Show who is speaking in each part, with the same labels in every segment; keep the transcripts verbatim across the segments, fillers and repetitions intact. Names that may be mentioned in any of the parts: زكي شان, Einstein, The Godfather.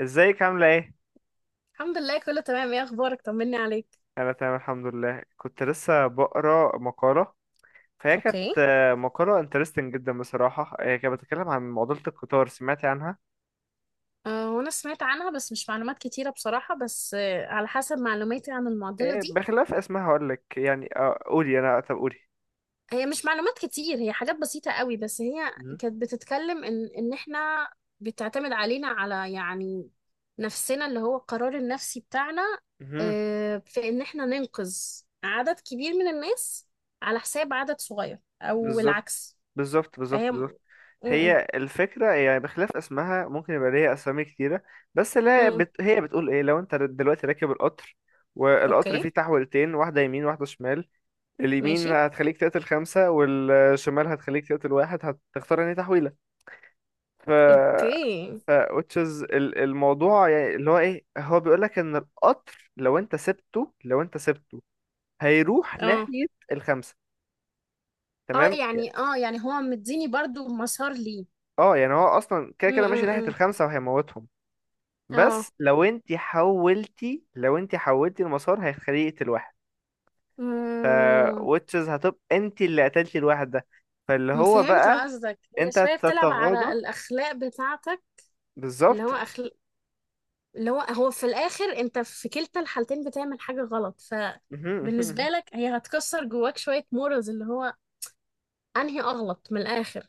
Speaker 1: ازيك عاملة ايه؟
Speaker 2: الحمد لله كله تمام. ايه اخبارك؟ طمني عليك.
Speaker 1: انا تمام الحمد لله. كنت لسه بقرا مقالة، فهي كانت
Speaker 2: اوكي.
Speaker 1: آه، مقالة انترستنج جدا بصراحة. آه، هي كانت بتتكلم عن معضلة القطار، سمعتي عنها؟
Speaker 2: أه وانا سمعت عنها بس مش معلومات كتيرة بصراحة، بس أه على حسب معلوماتي عن المعضلة
Speaker 1: آه،
Speaker 2: دي.
Speaker 1: بخلاف اسمها هقولك. يعني آه، قولي انا. طب قولي.
Speaker 2: هي مش معلومات كتير، هي حاجات بسيطة قوي، بس هي
Speaker 1: مهم.
Speaker 2: كانت بتتكلم ان ان احنا بتعتمد علينا، على يعني نفسنا، اللي هو القرار النفسي بتاعنا.
Speaker 1: مهم.
Speaker 2: أه في ان احنا ننقذ عدد كبير من الناس على حساب عدد صغير او
Speaker 1: بالظبط
Speaker 2: العكس.
Speaker 1: بالظبط
Speaker 2: فهي.
Speaker 1: بالظبط
Speaker 2: م-
Speaker 1: بالظبط
Speaker 2: م-
Speaker 1: هي الفكرة يعني، بخلاف اسمها ممكن يبقى ليها أسامي كتيرة، بس
Speaker 2: م-
Speaker 1: لا
Speaker 2: م.
Speaker 1: بت... هي بتقول إيه؟ لو أنت دلوقتي راكب القطر، والقطر فيه
Speaker 2: اوكي
Speaker 1: تحولتين، واحدة يمين واحدة شمال، اليمين
Speaker 2: ماشي.
Speaker 1: هتخليك تقتل خمسة والشمال هتخليك تقتل واحد، هتختار انهي تحويلة؟ ف
Speaker 2: اوكي.
Speaker 1: ف which is ال- الموضوع يعني اللي هو ايه، هو بيقولك ان القطر لو انت سبته لو انت سبته هيروح
Speaker 2: اه
Speaker 1: ناحية الخمسة،
Speaker 2: اه
Speaker 1: تمام؟ يعني
Speaker 2: يعني اه يعني هو مديني برضو مسار ليه.
Speaker 1: اه، يعني هو اصلا كده
Speaker 2: م-
Speaker 1: كده
Speaker 2: م-
Speaker 1: ماشي ناحية
Speaker 2: م.
Speaker 1: الخمسة وهيموتهم،
Speaker 2: اه
Speaker 1: بس لو انت حولتي لو انت حولتي المسار هيخليه يقتل واحد،
Speaker 2: امم
Speaker 1: which is هتبقى انت اللي قتلتي الواحد ده. فاللي هو
Speaker 2: فهمت
Speaker 1: بقى
Speaker 2: قصدك، هي
Speaker 1: انت
Speaker 2: شوية بتلعب على
Speaker 1: تتغاضى.
Speaker 2: الأخلاق بتاعتك. اللي
Speaker 1: بالظبط.
Speaker 2: هو أخل... اللي هو هو في الآخر، أنت في كلتا الحالتين بتعمل حاجة غلط،
Speaker 1: مهم، مهم.
Speaker 2: فبالنسبة لك هي هتكسر جواك شوية مورالز، اللي هو أنهي أغلط من الآخر.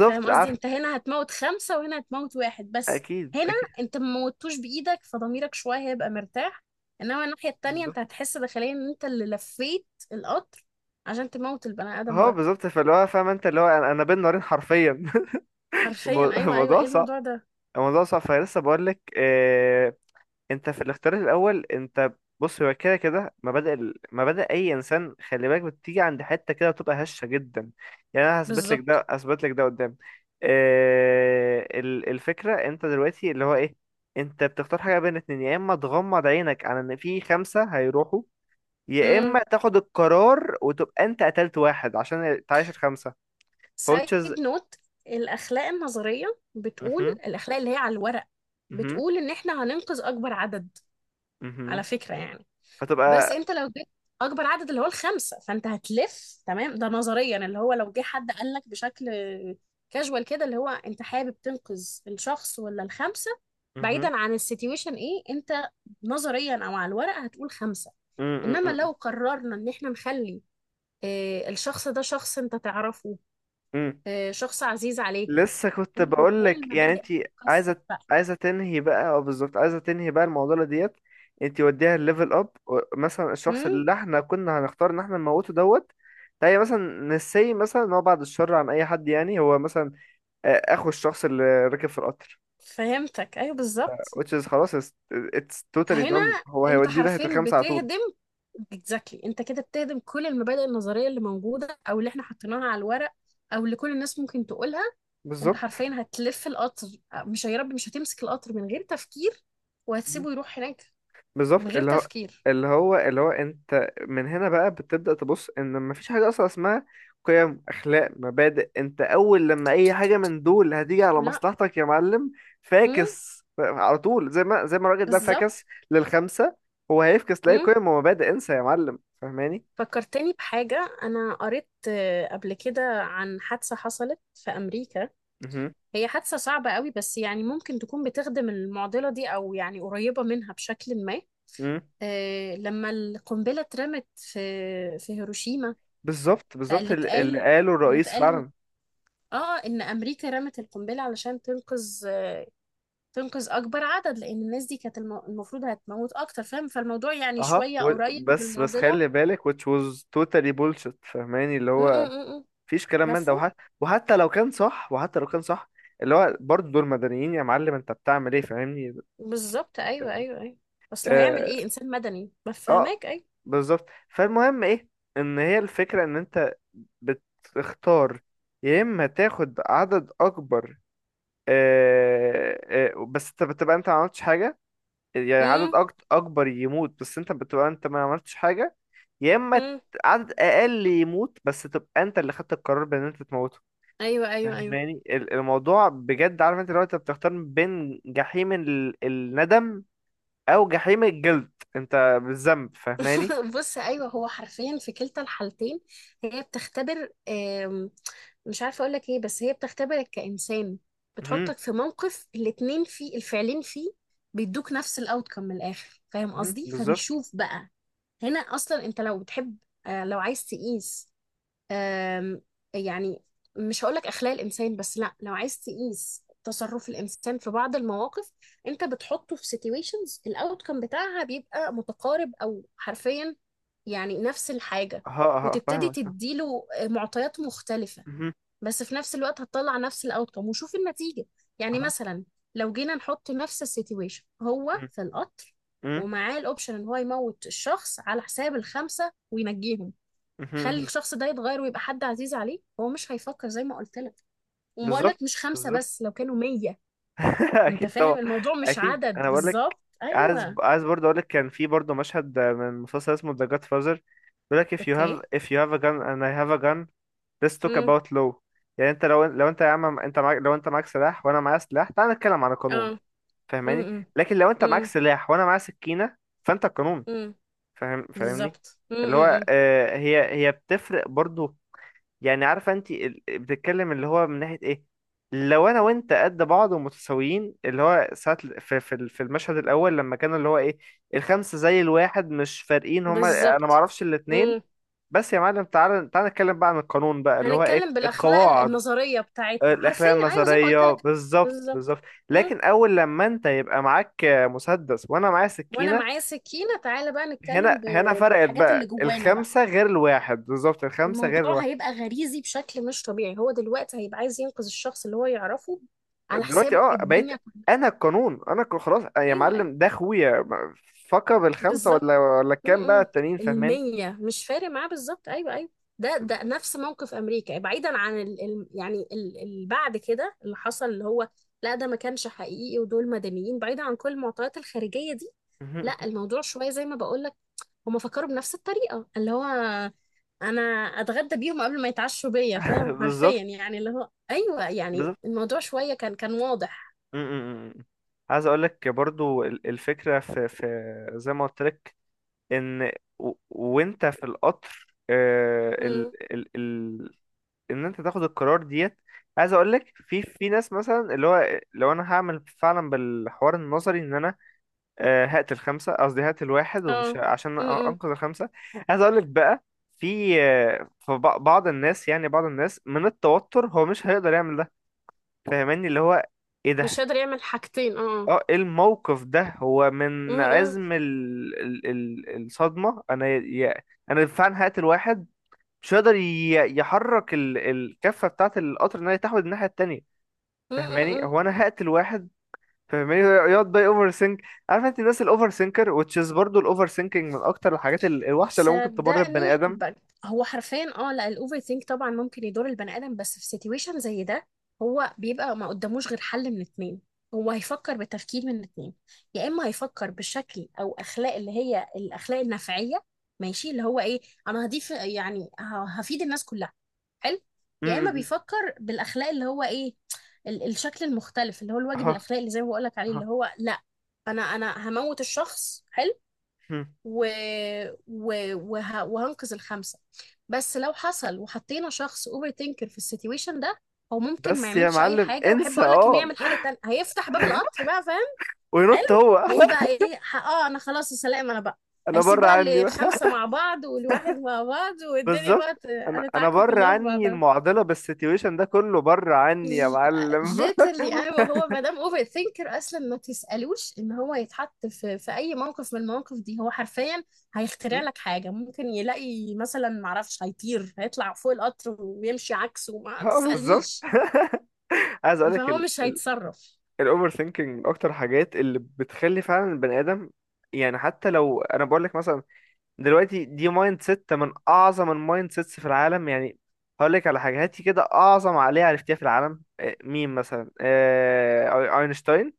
Speaker 2: فاهم قصدي؟
Speaker 1: عارف.
Speaker 2: انت هنا هتموت خمسة وهنا هتموت واحد بس.
Speaker 1: اكيد
Speaker 2: هنا
Speaker 1: اكيد
Speaker 2: انت ما موتوش بإيدك، فضميرك شوية هيبقى مرتاح. انما الناحية التانية انت
Speaker 1: بالظبط.
Speaker 2: هتحس داخليا ان انت اللي لفيت القطر عشان تموت البني آدم
Speaker 1: اه
Speaker 2: ده.
Speaker 1: بالظبط، فاللي هو فاهم، انت اللي هو انا أنا بين نارين حرفيا.
Speaker 2: حرفيا،
Speaker 1: المو-
Speaker 2: ايوه، ايوه،
Speaker 1: الموضوع
Speaker 2: ايه
Speaker 1: صعب.
Speaker 2: الموضوع ده؟
Speaker 1: الموضوع صعب، فلسه بقول لك آه، انت في الاختيار الاول، انت بص هو كده كده مبادئ ال- مبادئ اي انسان، خلي بالك، بتيجي عند حته كده بتبقى هشه جدا. يعني انا هثبت لك
Speaker 2: بالظبط.
Speaker 1: ده هثبت لك ده قدام. آه ال- الفكره انت دلوقتي اللي هو ايه، انت بتختار حاجه بين اتنين، يا اما تغمض عينك على ان في خمسه هيروحوا، يا
Speaker 2: امم
Speaker 1: اما تاخد القرار وتبقى انت قتلت واحد عشان تعيش الخمسه.
Speaker 2: سايد
Speaker 1: كوتشز.
Speaker 2: نوت. الأخلاق النظرية بتقول،
Speaker 1: اها.
Speaker 2: الأخلاق اللي هي على الورق،
Speaker 1: اها.
Speaker 2: بتقول ان احنا هننقذ اكبر عدد
Speaker 1: اها.
Speaker 2: على فكرة يعني. بس
Speaker 1: فتبقى.
Speaker 2: انت لو جبت اكبر عدد اللي هو الخمسه، فانت هتلف. تمام. ده نظريا. اللي هو لو جه حد قال لك بشكل كاجوال كده، اللي هو انت حابب تنقذ الشخص ولا الخمسه؟
Speaker 1: اها.
Speaker 2: بعيدا عن السيتويشن، ايه انت نظريا او على الورق هتقول خمسه. انما لو قررنا ان احنا نخلي آه، الشخص ده شخص انت تعرفه، آه، شخص عزيز عليك.
Speaker 1: لسه كنت
Speaker 2: هنا
Speaker 1: بقول
Speaker 2: هنا
Speaker 1: لك. يعني
Speaker 2: المبادئ
Speaker 1: انت
Speaker 2: هتتكسر
Speaker 1: عايزه
Speaker 2: بقى.
Speaker 1: عايزه تنهي بقى. اه بالظبط، عايزه تنهي بقى المعضله ديت. انت وديها الليفل اب، مثلا الشخص
Speaker 2: امم
Speaker 1: اللي احنا كنا هنختار ان احنا نموته دوت، تلاقي مثلا نسي، مثلا ان هو بعد الشر عن اي حد، يعني هو مثلا آه، اخو الشخص اللي راكب في القطر،
Speaker 2: فهمتك، ايوه، بالظبط.
Speaker 1: which is خلاص it's, it's totally
Speaker 2: هنا
Speaker 1: done، هو
Speaker 2: انت
Speaker 1: هيوديه ناحية
Speaker 2: حرفيا
Speaker 1: الخمسة على طول.
Speaker 2: بتهدم. اكزاكتلي، انت كده بتهدم كل المبادئ النظريه اللي موجوده او اللي احنا حطيناها على الورق، او اللي كل الناس ممكن تقولها. انت
Speaker 1: بالظبط.
Speaker 2: حرفيا هتلف القطر. مش يا رب مش هتمسك القطر من غير تفكير
Speaker 1: مم.
Speaker 2: وهتسيبه يروح هناك من
Speaker 1: بالظبط.
Speaker 2: غير
Speaker 1: اللي هو
Speaker 2: تفكير.
Speaker 1: اللي هو اللي هو انت من هنا بقى بتبدأ تبص ان مفيش حاجة اصلا اسمها قيم، اخلاق، مبادئ. انت اول لما اي حاجة من دول هتيجي على
Speaker 2: لا.
Speaker 1: مصلحتك يا معلم،
Speaker 2: امم
Speaker 1: فاكس. ف- على طول زي ما زي ما الراجل ده فاكس
Speaker 2: بالظبط.
Speaker 1: للخمسة، هو هيفكس لاي
Speaker 2: امم
Speaker 1: قيم ومبادئ. انسى يا معلم، فاهماني؟
Speaker 2: فكرتني بحاجه، انا قريت آه، قبل كده عن حادثه حصلت في امريكا.
Speaker 1: مهم.
Speaker 2: هي حادثه صعبه قوي بس يعني ممكن تكون بتخدم المعضله دي، او يعني قريبه منها بشكل ما.
Speaker 1: مم.
Speaker 2: آه، لما القنبلة اترمت في في هيروشيما.
Speaker 1: بالظبط بالظبط
Speaker 2: فاللي
Speaker 1: اللي اللي
Speaker 2: اتقال
Speaker 1: قاله
Speaker 2: اللي
Speaker 1: الرئيس
Speaker 2: اتقال
Speaker 1: فعلا.
Speaker 2: اه ان امريكا رمت القنبلة علشان تنقذ. تنقذ اكبر عدد لان الناس دي كانت الم- المفروض هتموت اكتر. فاهم؟ فالموضوع يعني
Speaker 1: اها،
Speaker 2: شوية
Speaker 1: و-
Speaker 2: قريب من
Speaker 1: بس بس
Speaker 2: المعضلة.
Speaker 1: خلي بالك which was totally bullshit. فهماني اللي
Speaker 2: م- م-
Speaker 1: هو
Speaker 2: م- م.
Speaker 1: مفيش كلام من ده،
Speaker 2: مفهوم
Speaker 1: وحتى وحتى لو كان صح، وحتى لو كان صح، اللي هو برضه دول مدنيين يا معلم، انت بتعمل ايه؟ فاهمني.
Speaker 2: بالظبط، ايوه، ايوه، ايوه. اصل هيعمل
Speaker 1: اه,
Speaker 2: ايه انسان مدني؟
Speaker 1: آه
Speaker 2: بفهمك ايوه.
Speaker 1: بالظبط. فالمهم ايه، ان هي الفكرة ان انت بتختار، يا اما تاخد عدد اكبر، آه، آه، بس انت بتبقى انت ما عملتش حاجة، يعني عدد
Speaker 2: م-
Speaker 1: أكت- اكبر يموت بس انت بتبقى انت ما عملتش حاجة، يا اما ت-
Speaker 2: م.
Speaker 1: عدد اقل يموت بس تبقى انت اللي خدت القرار بان انت تموته،
Speaker 2: ايوه ايوه، ايوه.
Speaker 1: فاهماني؟ ال- الموضوع بجد، عارف، انت لو انت بتختار بين جحيم ال- الندم او جحيم الجلد انت بالذنب، فاهماني؟
Speaker 2: بص، ايوه هو حرفيا في كلتا الحالتين هي بتختبر، آم، مش عارفه اقول لك ايه، بس هي بتختبرك كانسان،
Speaker 1: مهم.
Speaker 2: بتحطك في موقف الاتنين فيه، الفعلين فيه بيدوك نفس الاوتكم من الاخر. فاهم
Speaker 1: مهم.
Speaker 2: قصدي؟
Speaker 1: بالظبط.
Speaker 2: فبيشوف بقى هنا اصلا. انت لو بتحب، آه، لو عايز تقيس، آم، يعني مش هقولك أخلاق الإنسان، بس لا، لو عايز تقيس تصرف الإنسان في بعض المواقف، أنت بتحطه في situations الأوتكم بتاعها بيبقى متقارب أو حرفيا يعني نفس الحاجة.
Speaker 1: ها ها،
Speaker 2: وتبتدي
Speaker 1: فاهمك اه.
Speaker 2: تديله معطيات مختلفة،
Speaker 1: مهم.
Speaker 2: بس في نفس الوقت هتطلع نفس الأوتكم وشوف النتيجة. يعني
Speaker 1: أها.
Speaker 2: مثلا، لو جينا نحط نفس السيتويشن هو
Speaker 1: مم.
Speaker 2: في القطر
Speaker 1: مم.
Speaker 2: ومعاه الأوبشن إن هو يموت الشخص على حساب الخمسة وينجيهم.
Speaker 1: مهم.
Speaker 2: خلي
Speaker 1: مهم.
Speaker 2: الشخص ده يتغير ويبقى حد عزيز عليه، هو مش هيفكر زي ما قلت لك. وبقول
Speaker 1: بالظبط.
Speaker 2: لك مش خمسة،
Speaker 1: بالظبط.
Speaker 2: بس لو كانوا مية. انت
Speaker 1: اكيد طبعا.
Speaker 2: فاهم الموضوع مش
Speaker 1: اكيد.
Speaker 2: عدد؟
Speaker 1: انا بقول لك
Speaker 2: بالظبط،
Speaker 1: عايز
Speaker 2: ايوه.
Speaker 1: عايز برضه اقول لك، كان في برضه مشهد من مسلسل اسمه The Godfather، بيقول لك if you
Speaker 2: اوكي.
Speaker 1: have if you have a gun and I have a gun, let's talk
Speaker 2: امم
Speaker 1: about law. يعني انت لو لو انت يا عم، انت معاك، لو انت معاك سلاح وانا معايا سلاح، تعال نتكلم عن القانون،
Speaker 2: اه.
Speaker 1: فاهماني؟
Speaker 2: امم
Speaker 1: لكن لو انت معاك
Speaker 2: امم
Speaker 1: سلاح وانا معايا سكينة، فانت القانون،
Speaker 2: امم
Speaker 1: فاهم فاهمني؟
Speaker 2: بالظبط.
Speaker 1: اللي هو
Speaker 2: امم
Speaker 1: آه، هي هي بتفرق برضه، يعني عارفه انت ال- بتتكلم اللي هو من ناحيه ايه، لو انا وانت قد بعض ومتساويين، اللي هو ساعه ال- في في ال- في المشهد الاول لما كان اللي هو ايه، الخمسه زي الواحد، مش فارقين، هما انا ما
Speaker 2: بالظبط.
Speaker 1: اعرفش الاتنين.
Speaker 2: امم
Speaker 1: بس يا معلم، تعالى تعالى نتكلم بقى عن القانون بقى، اللي هو ايه،
Speaker 2: هنتكلم بالاخلاق ال-
Speaker 1: القواعد،
Speaker 2: النظريه بتاعتنا حرفيا،
Speaker 1: الاخلاق
Speaker 2: ايوه زي ما قلت
Speaker 1: النظريه.
Speaker 2: لك.
Speaker 1: بالظبط
Speaker 2: بالظبط.
Speaker 1: بالظبط
Speaker 2: امم
Speaker 1: لكن اول لما انت يبقى معاك مسدس وانا معايا
Speaker 2: وانا
Speaker 1: سكينه،
Speaker 2: معايا سكينه، تعالى بقى نتكلم
Speaker 1: هنا
Speaker 2: ب...
Speaker 1: هنا فرقت
Speaker 2: بالحاجات اللي
Speaker 1: بقى.
Speaker 2: جوانا بقى.
Speaker 1: الخمسه غير الواحد، بالظبط الخمسه غير
Speaker 2: الموضوع
Speaker 1: الواحد.
Speaker 2: هيبقى غريزي بشكل مش طبيعي. هو دلوقتي هيبقى عايز ينقذ الشخص اللي هو يعرفه، على
Speaker 1: دلوقتي
Speaker 2: حساب
Speaker 1: اه، بقيت
Speaker 2: الدنيا كلها.
Speaker 1: انا القانون. انا ك- خلاص يا
Speaker 2: ايوه، ايوه،
Speaker 1: معلم، ده اخويا، فكر بالخمسه
Speaker 2: بالظبط.
Speaker 1: ولا ولا الكام بقى
Speaker 2: م-م.
Speaker 1: التانيين، فاهماني؟
Speaker 2: المية مش فارق معاه، بالظبط، ايوه، ايوه. ده ده نفس موقف امريكا بعيدا عن ال ال يعني اللي بعد كده اللي حصل، اللي هو لا، ده ما كانش حقيقي ودول مدنيين بعيدا عن كل المعطيات الخارجية دي.
Speaker 1: مهم.
Speaker 2: لا الموضوع شوية زي ما بقول لك، هم فكروا بنفس الطريقة، اللي هو انا اتغدى بيهم قبل ما يتعشوا بيا، فاهم؟ حرفيا
Speaker 1: بالظبط.
Speaker 2: يعني، اللي هو ايوه يعني
Speaker 1: بالظبط.
Speaker 2: الموضوع شويه كان كان واضح.
Speaker 1: م- م- م. عايز اقول لك برضو ال- الفكره في، في زي ما قلت لك، ان و- وانت في القطر آه،
Speaker 2: امم
Speaker 1: ال ال ال ان انت تاخد القرار ديت. عايز اقول لك في، في ناس مثلا اللي هو لو انا هعمل فعلا بالحوار النظري، ان انا آه، هات الخمسة، قصدي هات الواحد ومش
Speaker 2: اه.
Speaker 1: عشان
Speaker 2: امم
Speaker 1: أنقذ الخمسة. عايز أقولك بقى، في آه، في بع- بعض الناس، يعني بعض الناس من التوتر هو مش هيقدر يعمل ده، فاهماني اللي هو إيه
Speaker 2: مش
Speaker 1: ده.
Speaker 2: قادر يعمل حاجتين، اه.
Speaker 1: اه، ايه الموقف ده، هو من عزم ال... ال... ال... الصدمة، أنا ي... أنا فعلا هات الواحد، مش هيقدر ي... يحرك ال... الكفة بتاعة القطر إن هي تحود الناحية التانية. فاهماني
Speaker 2: امم
Speaker 1: هو أنا هات الواحد، فاهماني؟ يقعد بقى اوفر سينك. عارف انت الناس الاوفر سينكر، which is برضه الاوفر سينكينج من اكتر الحاجات ال- الوحشه اللي ممكن تمر ببني
Speaker 2: صدقني،
Speaker 1: ادم.
Speaker 2: ب... هو حرفيا اه لا، الاوفر ثينك طبعا ممكن يضر البني ادم، بس في سيتويشن زي ده، هو بيبقى ما قداموش غير حل من اتنين. هو هيفكر بالتفكير من اتنين، يا اما هيفكر بشكل او اخلاق اللي هي الاخلاق النفعيه، ماشي، اللي هو ايه، انا هضيف يعني ه- هفيد الناس كلها. حلو.
Speaker 1: م-
Speaker 2: يا اما
Speaker 1: م- م.
Speaker 2: بيفكر بالاخلاق اللي هو ايه ال... الشكل المختلف، اللي هو الواجب
Speaker 1: اها
Speaker 2: الاخلاقي، اللي زي ما بقول لك عليه، اللي
Speaker 1: اها.
Speaker 2: هو لا، انا انا هموت الشخص، حلو.
Speaker 1: م.
Speaker 2: و... و... وه... وهنقذ الخمسة. بس لو حصل وحطينا شخص اوفر ثينكر في السيتويشن ده، هو ممكن ما
Speaker 1: بس يا
Speaker 2: يعملش اي
Speaker 1: معلم
Speaker 2: حاجة. واحب
Speaker 1: انسى،
Speaker 2: اقول لك انه
Speaker 1: اه
Speaker 2: يعمل حاجة تانية، هيفتح باب القطر بقى، فاهم؟
Speaker 1: وينط
Speaker 2: حلو.
Speaker 1: هو
Speaker 2: ويقول بقى ايه، ح- اه انا خلاص يا سلام انا بقى.
Speaker 1: انا
Speaker 2: هيسيب
Speaker 1: بره عني
Speaker 2: بقى
Speaker 1: بقى.
Speaker 2: الخمسة مع بعض والواحد مع بعض، والدنيا بقى
Speaker 1: بالظبط.
Speaker 2: ت-
Speaker 1: انا انا
Speaker 2: هتتعكك
Speaker 1: بره
Speaker 2: كلها في
Speaker 1: عني
Speaker 2: بعضها.
Speaker 1: المعضله، بالسيتويشن ده كله بره عني يا معلم.
Speaker 2: literally ايوه، هو ما دام اوفر ثينكر اصلا ما تسالوش ان هو يتحط في في اي موقف من المواقف دي، هو حرفيا
Speaker 1: م.
Speaker 2: هيخترع لك حاجه، ممكن يلاقي مثلا ما اعرفش، هيطير، هيطلع فوق القطر ويمشي عكسه، ما
Speaker 1: اه بالظبط.
Speaker 2: تسالنيش.
Speaker 1: عايز اقول لك،
Speaker 2: فهو مش هيتصرف.
Speaker 1: الاوفر ثينكينج من اكتر الحاجات اللي بتخلي فعلا البني ادم يعني، حتى لو انا بقول لك مثلا، دلوقتي دي مايند سيت من اعظم المايند سيتس في العالم. يعني هقول لك على حاجه، هاتي كده اعظم عقليه عرفتيها في العالم، آه، مين مثلا؟ آه، اينشتاين.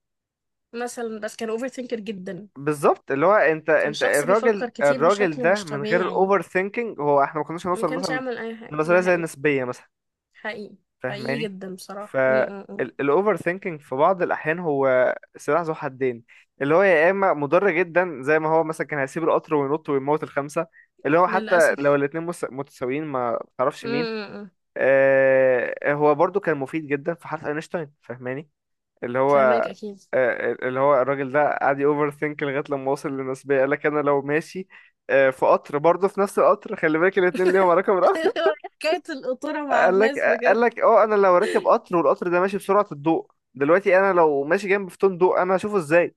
Speaker 2: مثلا بس كان اوفر ثينكر جدا،
Speaker 1: بالظبط، اللي هو انت،
Speaker 2: كان
Speaker 1: انت
Speaker 2: شخص
Speaker 1: الراجل
Speaker 2: بيفكر كتير
Speaker 1: الراجل
Speaker 2: بشكل
Speaker 1: ده
Speaker 2: مش
Speaker 1: من غير
Speaker 2: طبيعي،
Speaker 1: الاوفر ثينكينج هو احنا ما كناش
Speaker 2: ما
Speaker 1: هنوصل
Speaker 2: كانش
Speaker 1: مثلا
Speaker 2: يعمل اي حاجه. ده
Speaker 1: لنظريه زي
Speaker 2: حقيقي.
Speaker 1: النسبيه مثلا،
Speaker 2: حقيقي. حقيقي
Speaker 1: فاهماني؟
Speaker 2: جدا بصراحه. م -م -م.
Speaker 1: فالاوفر ثينكينج في بعض الاحيان هو سلاح ذو حدين، اللي هو يا اما مضر جدا، زي ما هو مثلا كان هيسيب القطر وينط ويموت الخمسه، اللي هو حتى لو
Speaker 2: للاسف
Speaker 1: الاتنين مس- متساويين، ما تعرفش
Speaker 2: م
Speaker 1: مين.
Speaker 2: -م -م.
Speaker 1: آه هو برضو كان مفيد جدا في حرف اينشتاين، فاهماني اللي هو
Speaker 2: فهماك اكيد.
Speaker 1: آه، اللي هو الراجل ده قعد اوفر ثينك لغايه لما وصل للنسبيه، قال لك انا لو ماشي آه في قطر، برضو في نفس القطر خلي بالك الاتنين ليهم رقم.
Speaker 2: هو حكاية القطورة مع
Speaker 1: قال لك
Speaker 2: الناس
Speaker 1: قال
Speaker 2: بجد.
Speaker 1: لك اه، انا لو راكب قطر والقطر ده ماشي بسرعة الضوء دلوقتي، انا لو ماشي جنب فوتون ضوء انا هشوفه ازاي؟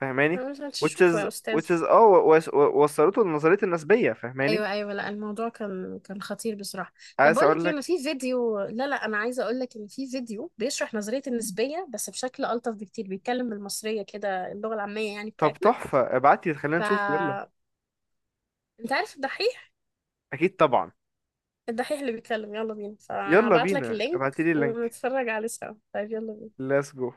Speaker 1: فاهماني؟
Speaker 2: أنا مش
Speaker 1: which
Speaker 2: هتشوفه
Speaker 1: is
Speaker 2: يا
Speaker 1: which
Speaker 2: أستاذ.
Speaker 1: is اه، و- وس- و- وصلته لنظرية النسبية، فاهماني؟
Speaker 2: أيوة، أيوة، لا الموضوع كان كان خطير بصراحة. طب
Speaker 1: عايز
Speaker 2: بقول
Speaker 1: اقول
Speaker 2: لك إيه،
Speaker 1: لك،
Speaker 2: أنا في فيديو، لا لا أنا عايزة أقول لك إن في فيديو بيشرح نظرية النسبية بس بشكل ألطف بكتير، بيتكلم بالمصرية كده، اللغة العامية يعني
Speaker 1: طب
Speaker 2: بتاعتنا.
Speaker 1: تحفة، ابعتي خلينا
Speaker 2: ف
Speaker 1: نشوف، يلا.
Speaker 2: أنت عارف الدحيح؟
Speaker 1: اكيد طبعا.
Speaker 2: الدحيح اللي بيتكلم يلا بينا، فأنا
Speaker 1: يلا
Speaker 2: هبعت لك
Speaker 1: بينا.
Speaker 2: اللينك
Speaker 1: ابعتي لي اللينك.
Speaker 2: ونتفرج عليه سوا. طيب يلا بينا.
Speaker 1: Let's go.